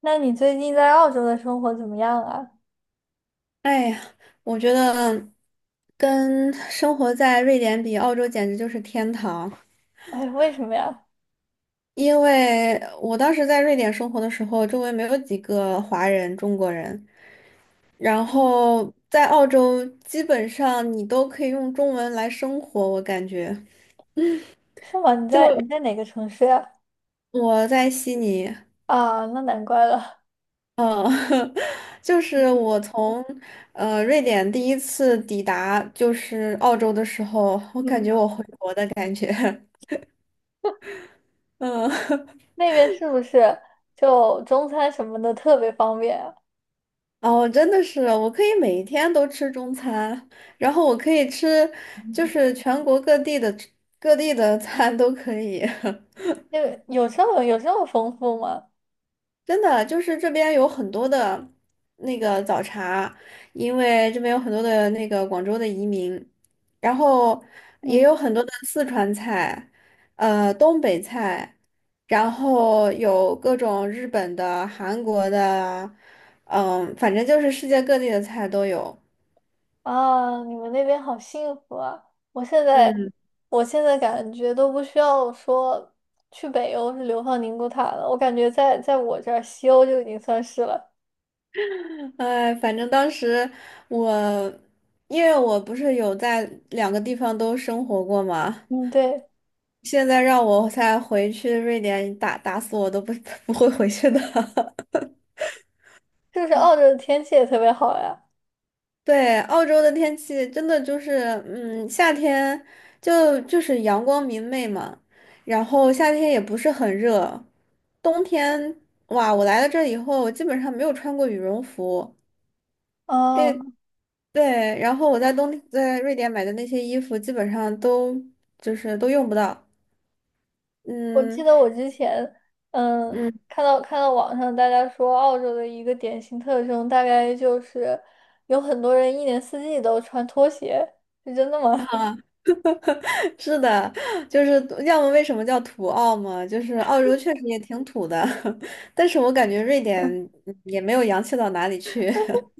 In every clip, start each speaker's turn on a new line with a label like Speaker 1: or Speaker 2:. Speaker 1: 那你最近在澳洲的生活怎么样啊？
Speaker 2: 哎呀，我觉得跟生活在瑞典比，澳洲简直就是天堂。
Speaker 1: 哎，为什么呀？
Speaker 2: 因为我当时在瑞典生活的时候，周围没有几个华人、中国人，然
Speaker 1: 嗯，
Speaker 2: 后在澳洲基本上你都可以用中文来生活，我感觉。
Speaker 1: 是吗？你在你
Speaker 2: 就
Speaker 1: 在哪个城市呀？
Speaker 2: 我在悉尼，
Speaker 1: 啊，那难怪了。
Speaker 2: 嗯，就是我从瑞典第一次抵达就是澳洲的时候，我感觉
Speaker 1: 嗯，
Speaker 2: 我回国的感觉，嗯。
Speaker 1: 那边是不是就中餐什么的特别方便啊？
Speaker 2: 哦，真的是，我可以每一天都吃中餐，然后我可以吃，就
Speaker 1: 嗯，
Speaker 2: 是全国各地的餐都可以。
Speaker 1: 那个有这么丰富吗？
Speaker 2: 真的，就是这边有很多的那个早茶，因为这边有很多的那个广州的移民，然后也
Speaker 1: 嗯。
Speaker 2: 有很多的四川菜，东北菜，然后有各种日本的、韩国的，嗯，反正就是世界各地的菜都有。
Speaker 1: 啊，你们那边好幸福啊！我现在
Speaker 2: 嗯。
Speaker 1: 我现在感觉都不需要说去北欧是流放宁古塔了，我感觉在我这儿西欧就已经算是了。
Speaker 2: 哎，反正当时我，因为我不是有在两个地方都生活过嘛，
Speaker 1: 嗯，对。
Speaker 2: 现在让我再回去瑞典打死我都不 不会回去的。
Speaker 1: 就是澳洲的天气也特别好呀？
Speaker 2: 对，澳洲的天气真的就是，嗯，夏天就是阳光明媚嘛，然后夏天也不是很热，冬天，哇，我来了这以后，我基本上没有穿过羽绒服。
Speaker 1: 啊，
Speaker 2: 对，然后我在瑞典买的那些衣服，基本上都就是都用不到。
Speaker 1: 我记
Speaker 2: 嗯
Speaker 1: 得我之前，嗯，
Speaker 2: 嗯，
Speaker 1: 看到网上大家说澳洲的一个典型特征，大概就是有很多人一年四季都穿拖鞋，是真的吗？
Speaker 2: 是的，就是要么为什么叫土澳嘛，就是澳洲确实也挺土的，但是我感觉瑞典 也没有洋气到哪里去。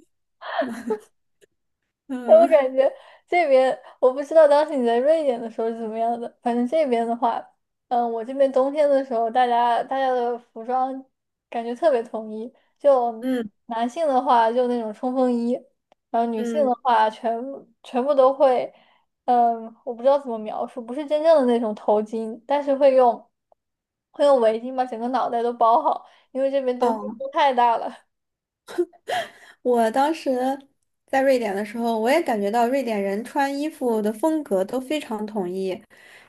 Speaker 1: 我感
Speaker 2: 嗯
Speaker 1: 觉这边我不知道当时你在瑞典的时候是怎么样的，反正这边的话，嗯，我这边冬天的时候，大家的服装感觉特别统一，就
Speaker 2: 嗯
Speaker 1: 男性的话就那种冲锋衣，然后女性
Speaker 2: 嗯，
Speaker 1: 的话全部都会，嗯，我不知道怎么描述，不是真正的那种头巾，但是会用围巾把整个脑袋都包好，因为这边冬天
Speaker 2: 哦。
Speaker 1: 风太大了。
Speaker 2: 我当时在瑞典的时候，我也感觉到瑞典人穿衣服的风格都非常统一，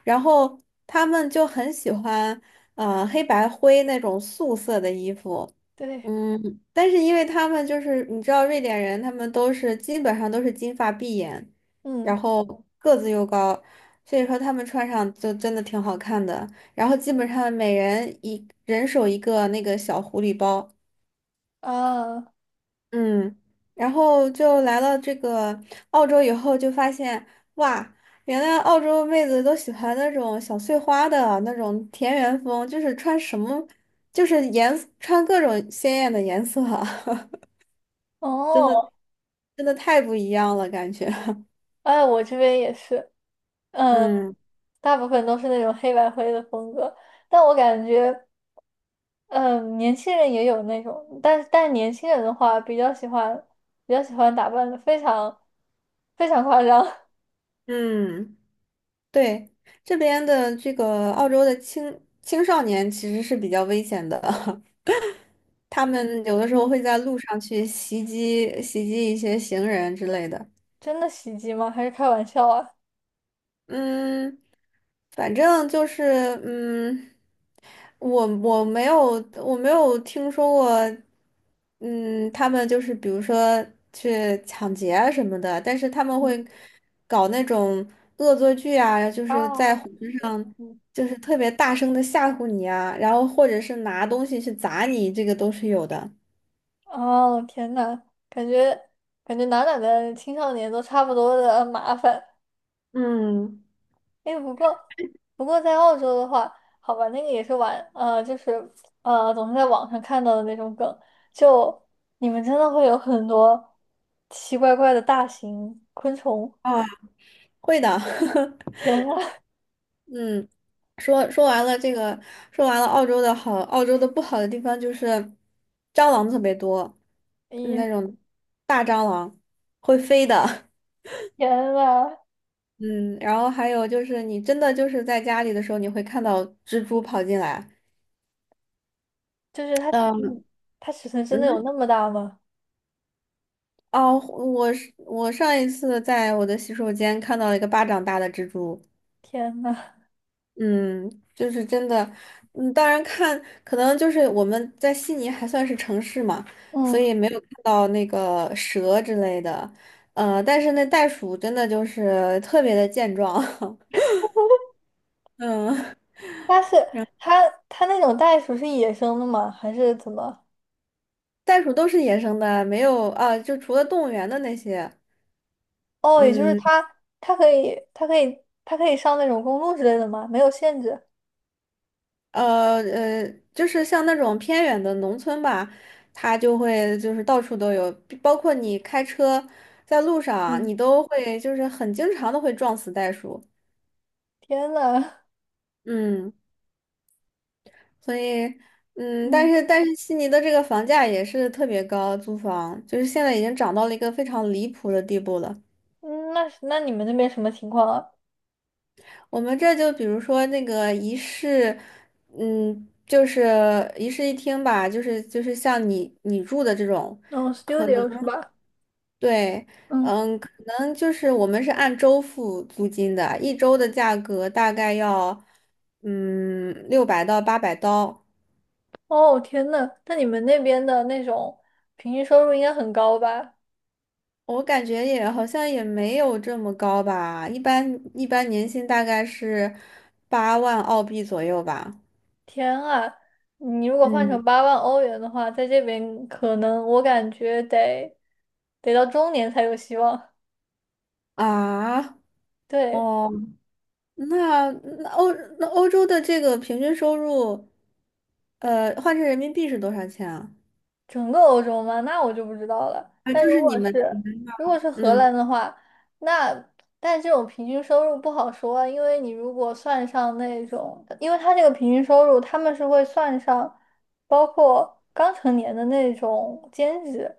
Speaker 2: 然后他们就很喜欢黑白灰那种素色的衣服，
Speaker 1: 对，
Speaker 2: 嗯，但是因为他们就是你知道瑞典人，他们都是基本上都是金发碧眼，然
Speaker 1: 嗯
Speaker 2: 后个子又高，所以说他们穿上就真的挺好看的，然后基本上每人一人手一个那个小狐狸包。
Speaker 1: 啊，
Speaker 2: 嗯，然后就来了这个澳洲以后，就发现哇，原来澳洲妹子都喜欢那种小碎花的那种田园风，就是穿什么，就是穿各种鲜艳的颜色，真的
Speaker 1: 哦。
Speaker 2: 真的太不一样了，感觉。
Speaker 1: 哎，我这边也是，嗯，
Speaker 2: 嗯
Speaker 1: 大部分都是那种黑白灰的风格，但我感觉，嗯，年轻人也有那种，但年轻人的话，比较喜欢，比较喜欢打扮的非常非常夸张，
Speaker 2: 嗯，对，这边的这个澳洲的青少年其实是比较危险的，他们有的 时候
Speaker 1: 嗯，
Speaker 2: 会在路上去袭击一些行人之类的。
Speaker 1: 真的袭击吗？还是开玩笑啊？
Speaker 2: 嗯，反正就是，嗯，我没有听说过，嗯，他们就是比如说去抢劫啊什么的，但是他们
Speaker 1: 嗯
Speaker 2: 会搞那种恶作剧啊，就
Speaker 1: 啊，
Speaker 2: 是在火车上
Speaker 1: 嗯，
Speaker 2: 就是特别大声的吓唬你啊，然后或者是拿东西去砸你，这个都是有的。
Speaker 1: 哦，天呐，感觉感觉哪的青少年都差不多的麻烦。
Speaker 2: 嗯，
Speaker 1: 哎，不过在澳洲的话，好吧，那个也是玩，就是总是在网上看到的那种梗，就你们真的会有很多奇怪怪的大型昆虫。
Speaker 2: 啊，会的，
Speaker 1: 天啊，
Speaker 2: 嗯，说完了这个，说完了澳洲的好，澳洲的不好的地方就是蟑螂特别多，那
Speaker 1: 咦，
Speaker 2: 种大蟑螂会飞的。
Speaker 1: 天呐，
Speaker 2: 嗯，然后还有就是你真的就是在家里的时候，你会看到蜘蛛跑进来。
Speaker 1: 就是它尺
Speaker 2: 嗯
Speaker 1: 寸，它尺寸真的有那
Speaker 2: 嗯，
Speaker 1: 么大吗？
Speaker 2: 哦，我上一次在我的洗手间看到了一个巴掌大的蜘蛛。
Speaker 1: 天呐，
Speaker 2: 嗯，就是真的，嗯，当然看，可能就是我们在悉尼还算是城市嘛，所
Speaker 1: 嗯，
Speaker 2: 以没有看到那个蛇之类的，但是那袋鼠真的就是特别的健壮，嗯，
Speaker 1: 但是它那种袋鼠是野生的吗？还是怎么？
Speaker 2: 袋鼠都是野生的，没有啊，就除了动物园的那些，
Speaker 1: 哦，也就是
Speaker 2: 嗯，
Speaker 1: 它可以上那种公路之类的吗？没有限制。
Speaker 2: 呃呃，就是像那种偏远的农村吧，它就会就是到处都有，包括你开车在路上，
Speaker 1: 嗯。
Speaker 2: 你都会就是很经常的会撞死袋鼠。
Speaker 1: 天呐，
Speaker 2: 嗯，所以，嗯，但
Speaker 1: 嗯，
Speaker 2: 是但是悉尼的这个房价也是特别高，租房就是现在已经涨到了一个非常离谱的地步了。
Speaker 1: 嗯，那你们那边什么情况啊？
Speaker 2: 我们这就比如说那个一室，嗯，就是一室一厅吧，就是像你住的这种，
Speaker 1: 哦，studio 是吧？
Speaker 2: 对，
Speaker 1: 嗯。
Speaker 2: 嗯，可能就是我们是按周付租金的，一周的价格大概要，嗯，600到800刀。
Speaker 1: 哦，天呐，那你们那边的那种平均收入应该很高吧？
Speaker 2: 我感觉也好像也没有这么高吧，一般年薪大概是8万澳币左右吧。
Speaker 1: 天啊，你如果换成
Speaker 2: 嗯，
Speaker 1: 8万欧元的话，在这边可能我感觉得到中年才有希望。
Speaker 2: 啊，
Speaker 1: 对。
Speaker 2: 哦，那那欧那欧洲的这个平均收入，换成人民币是多少钱啊？
Speaker 1: 整个欧洲吗？那我就不知道了。
Speaker 2: 啊，
Speaker 1: 但
Speaker 2: 就
Speaker 1: 如
Speaker 2: 是
Speaker 1: 果
Speaker 2: 你
Speaker 1: 是
Speaker 2: 们那儿，
Speaker 1: 如果是荷
Speaker 2: 嗯
Speaker 1: 兰的话，那但这种平均收入不好说啊，因为你如果算上那种，因为他这个平均收入他们是会算上包括刚成年的那种兼职，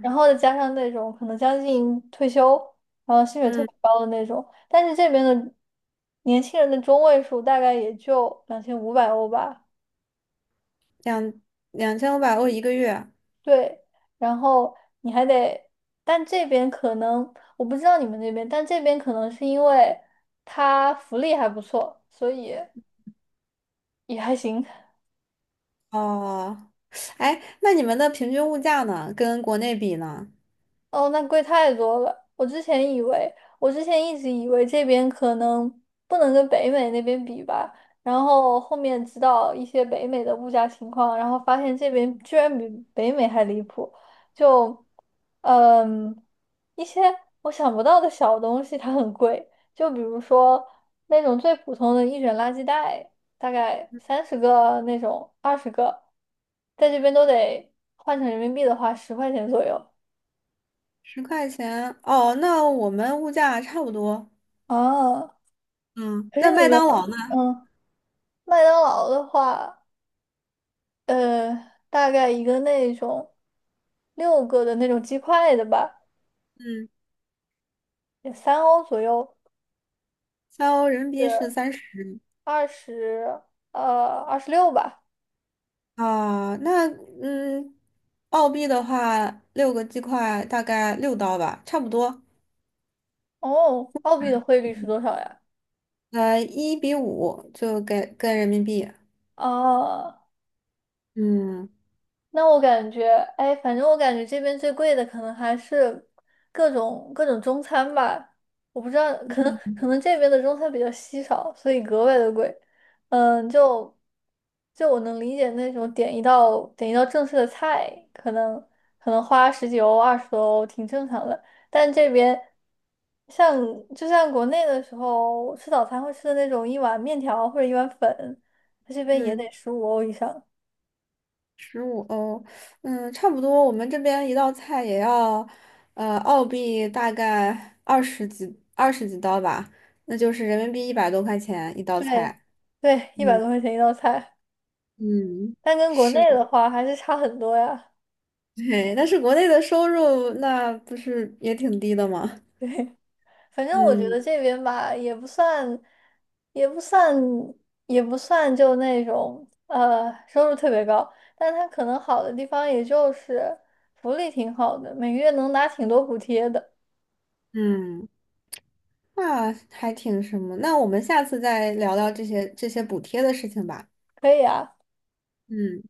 Speaker 1: 然后再加上那种可能将近退休，然后薪水特
Speaker 2: 嗯，
Speaker 1: 别高的那种。但是这边的年轻人的中位数大概也就2500欧吧。
Speaker 2: 两2500欧一个月。
Speaker 1: 对，然后你还得，但这边可能我不知道你们那边，但这边可能是因为它福利还不错，所以也还行。
Speaker 2: 哦，哎，那你们的平均物价呢？跟国内比呢？
Speaker 1: 哦，那贵太多了。我之前以为，我之前一直以为这边可能不能跟北美那边比吧，然后后面知道一些北美的物价情况，然后发现这边居然比北美还离谱。就，嗯，一些我想不到的小东西它很贵，就比如说那种最普通的一卷垃圾袋，大概30个那种，20个，在这边都得换成人民币的话，10块钱左右。
Speaker 2: 10块钱，哦，那我们物价差不多。
Speaker 1: 啊，
Speaker 2: 嗯，
Speaker 1: 可
Speaker 2: 那
Speaker 1: 是你
Speaker 2: 麦当
Speaker 1: 们，
Speaker 2: 劳呢？
Speaker 1: 嗯，麦当劳的话，呃，大概一个那种6个的那种鸡块的吧，
Speaker 2: 嗯，
Speaker 1: 也3欧左右，
Speaker 2: 3欧人民币是
Speaker 1: 是
Speaker 2: 30
Speaker 1: 二十，26吧。
Speaker 2: 啊，那嗯，澳币的话，6个鸡块大概6刀吧，差不多。
Speaker 1: 哦，澳币的汇率是多少呀？
Speaker 2: 呃，1比5就给跟人民币。
Speaker 1: 啊，
Speaker 2: 嗯
Speaker 1: 那我感觉，哎，反正我感觉这边最贵的可能还是各种中餐吧。我不知道，可能这边的中餐比较稀少，所以格外的贵。嗯，就我能理解那种点一道正式的菜，可能花十几欧、20多欧挺正常的。但这边像就像国内的时候吃早餐会吃的那种一碗面条或者一碗粉，它这边也
Speaker 2: 嗯，
Speaker 1: 得15欧以上。
Speaker 2: 15欧，嗯，差不多。我们这边一道菜也要澳币大概20几刀吧，那就是人民币100多块钱一道
Speaker 1: 对
Speaker 2: 菜。
Speaker 1: 对，一百
Speaker 2: 嗯
Speaker 1: 多块钱一道菜，
Speaker 2: 嗯。
Speaker 1: 但跟国
Speaker 2: 是。
Speaker 1: 内的话还是差很多呀。
Speaker 2: 对，但是国内的收入那不是也挺低的吗？
Speaker 1: 反 正我觉
Speaker 2: 嗯
Speaker 1: 得这边吧，也不算，也不算就那种收入特别高，但它可能好的地方也就是福利挺好的，每个月能拿挺多补贴的。
Speaker 2: 嗯，那还挺什么？那我们下次再聊聊这些补贴的事情吧。
Speaker 1: 可以啊，
Speaker 2: 嗯，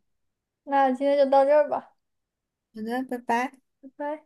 Speaker 1: 那今天就到这儿吧，
Speaker 2: 好的，拜拜。
Speaker 1: 拜拜。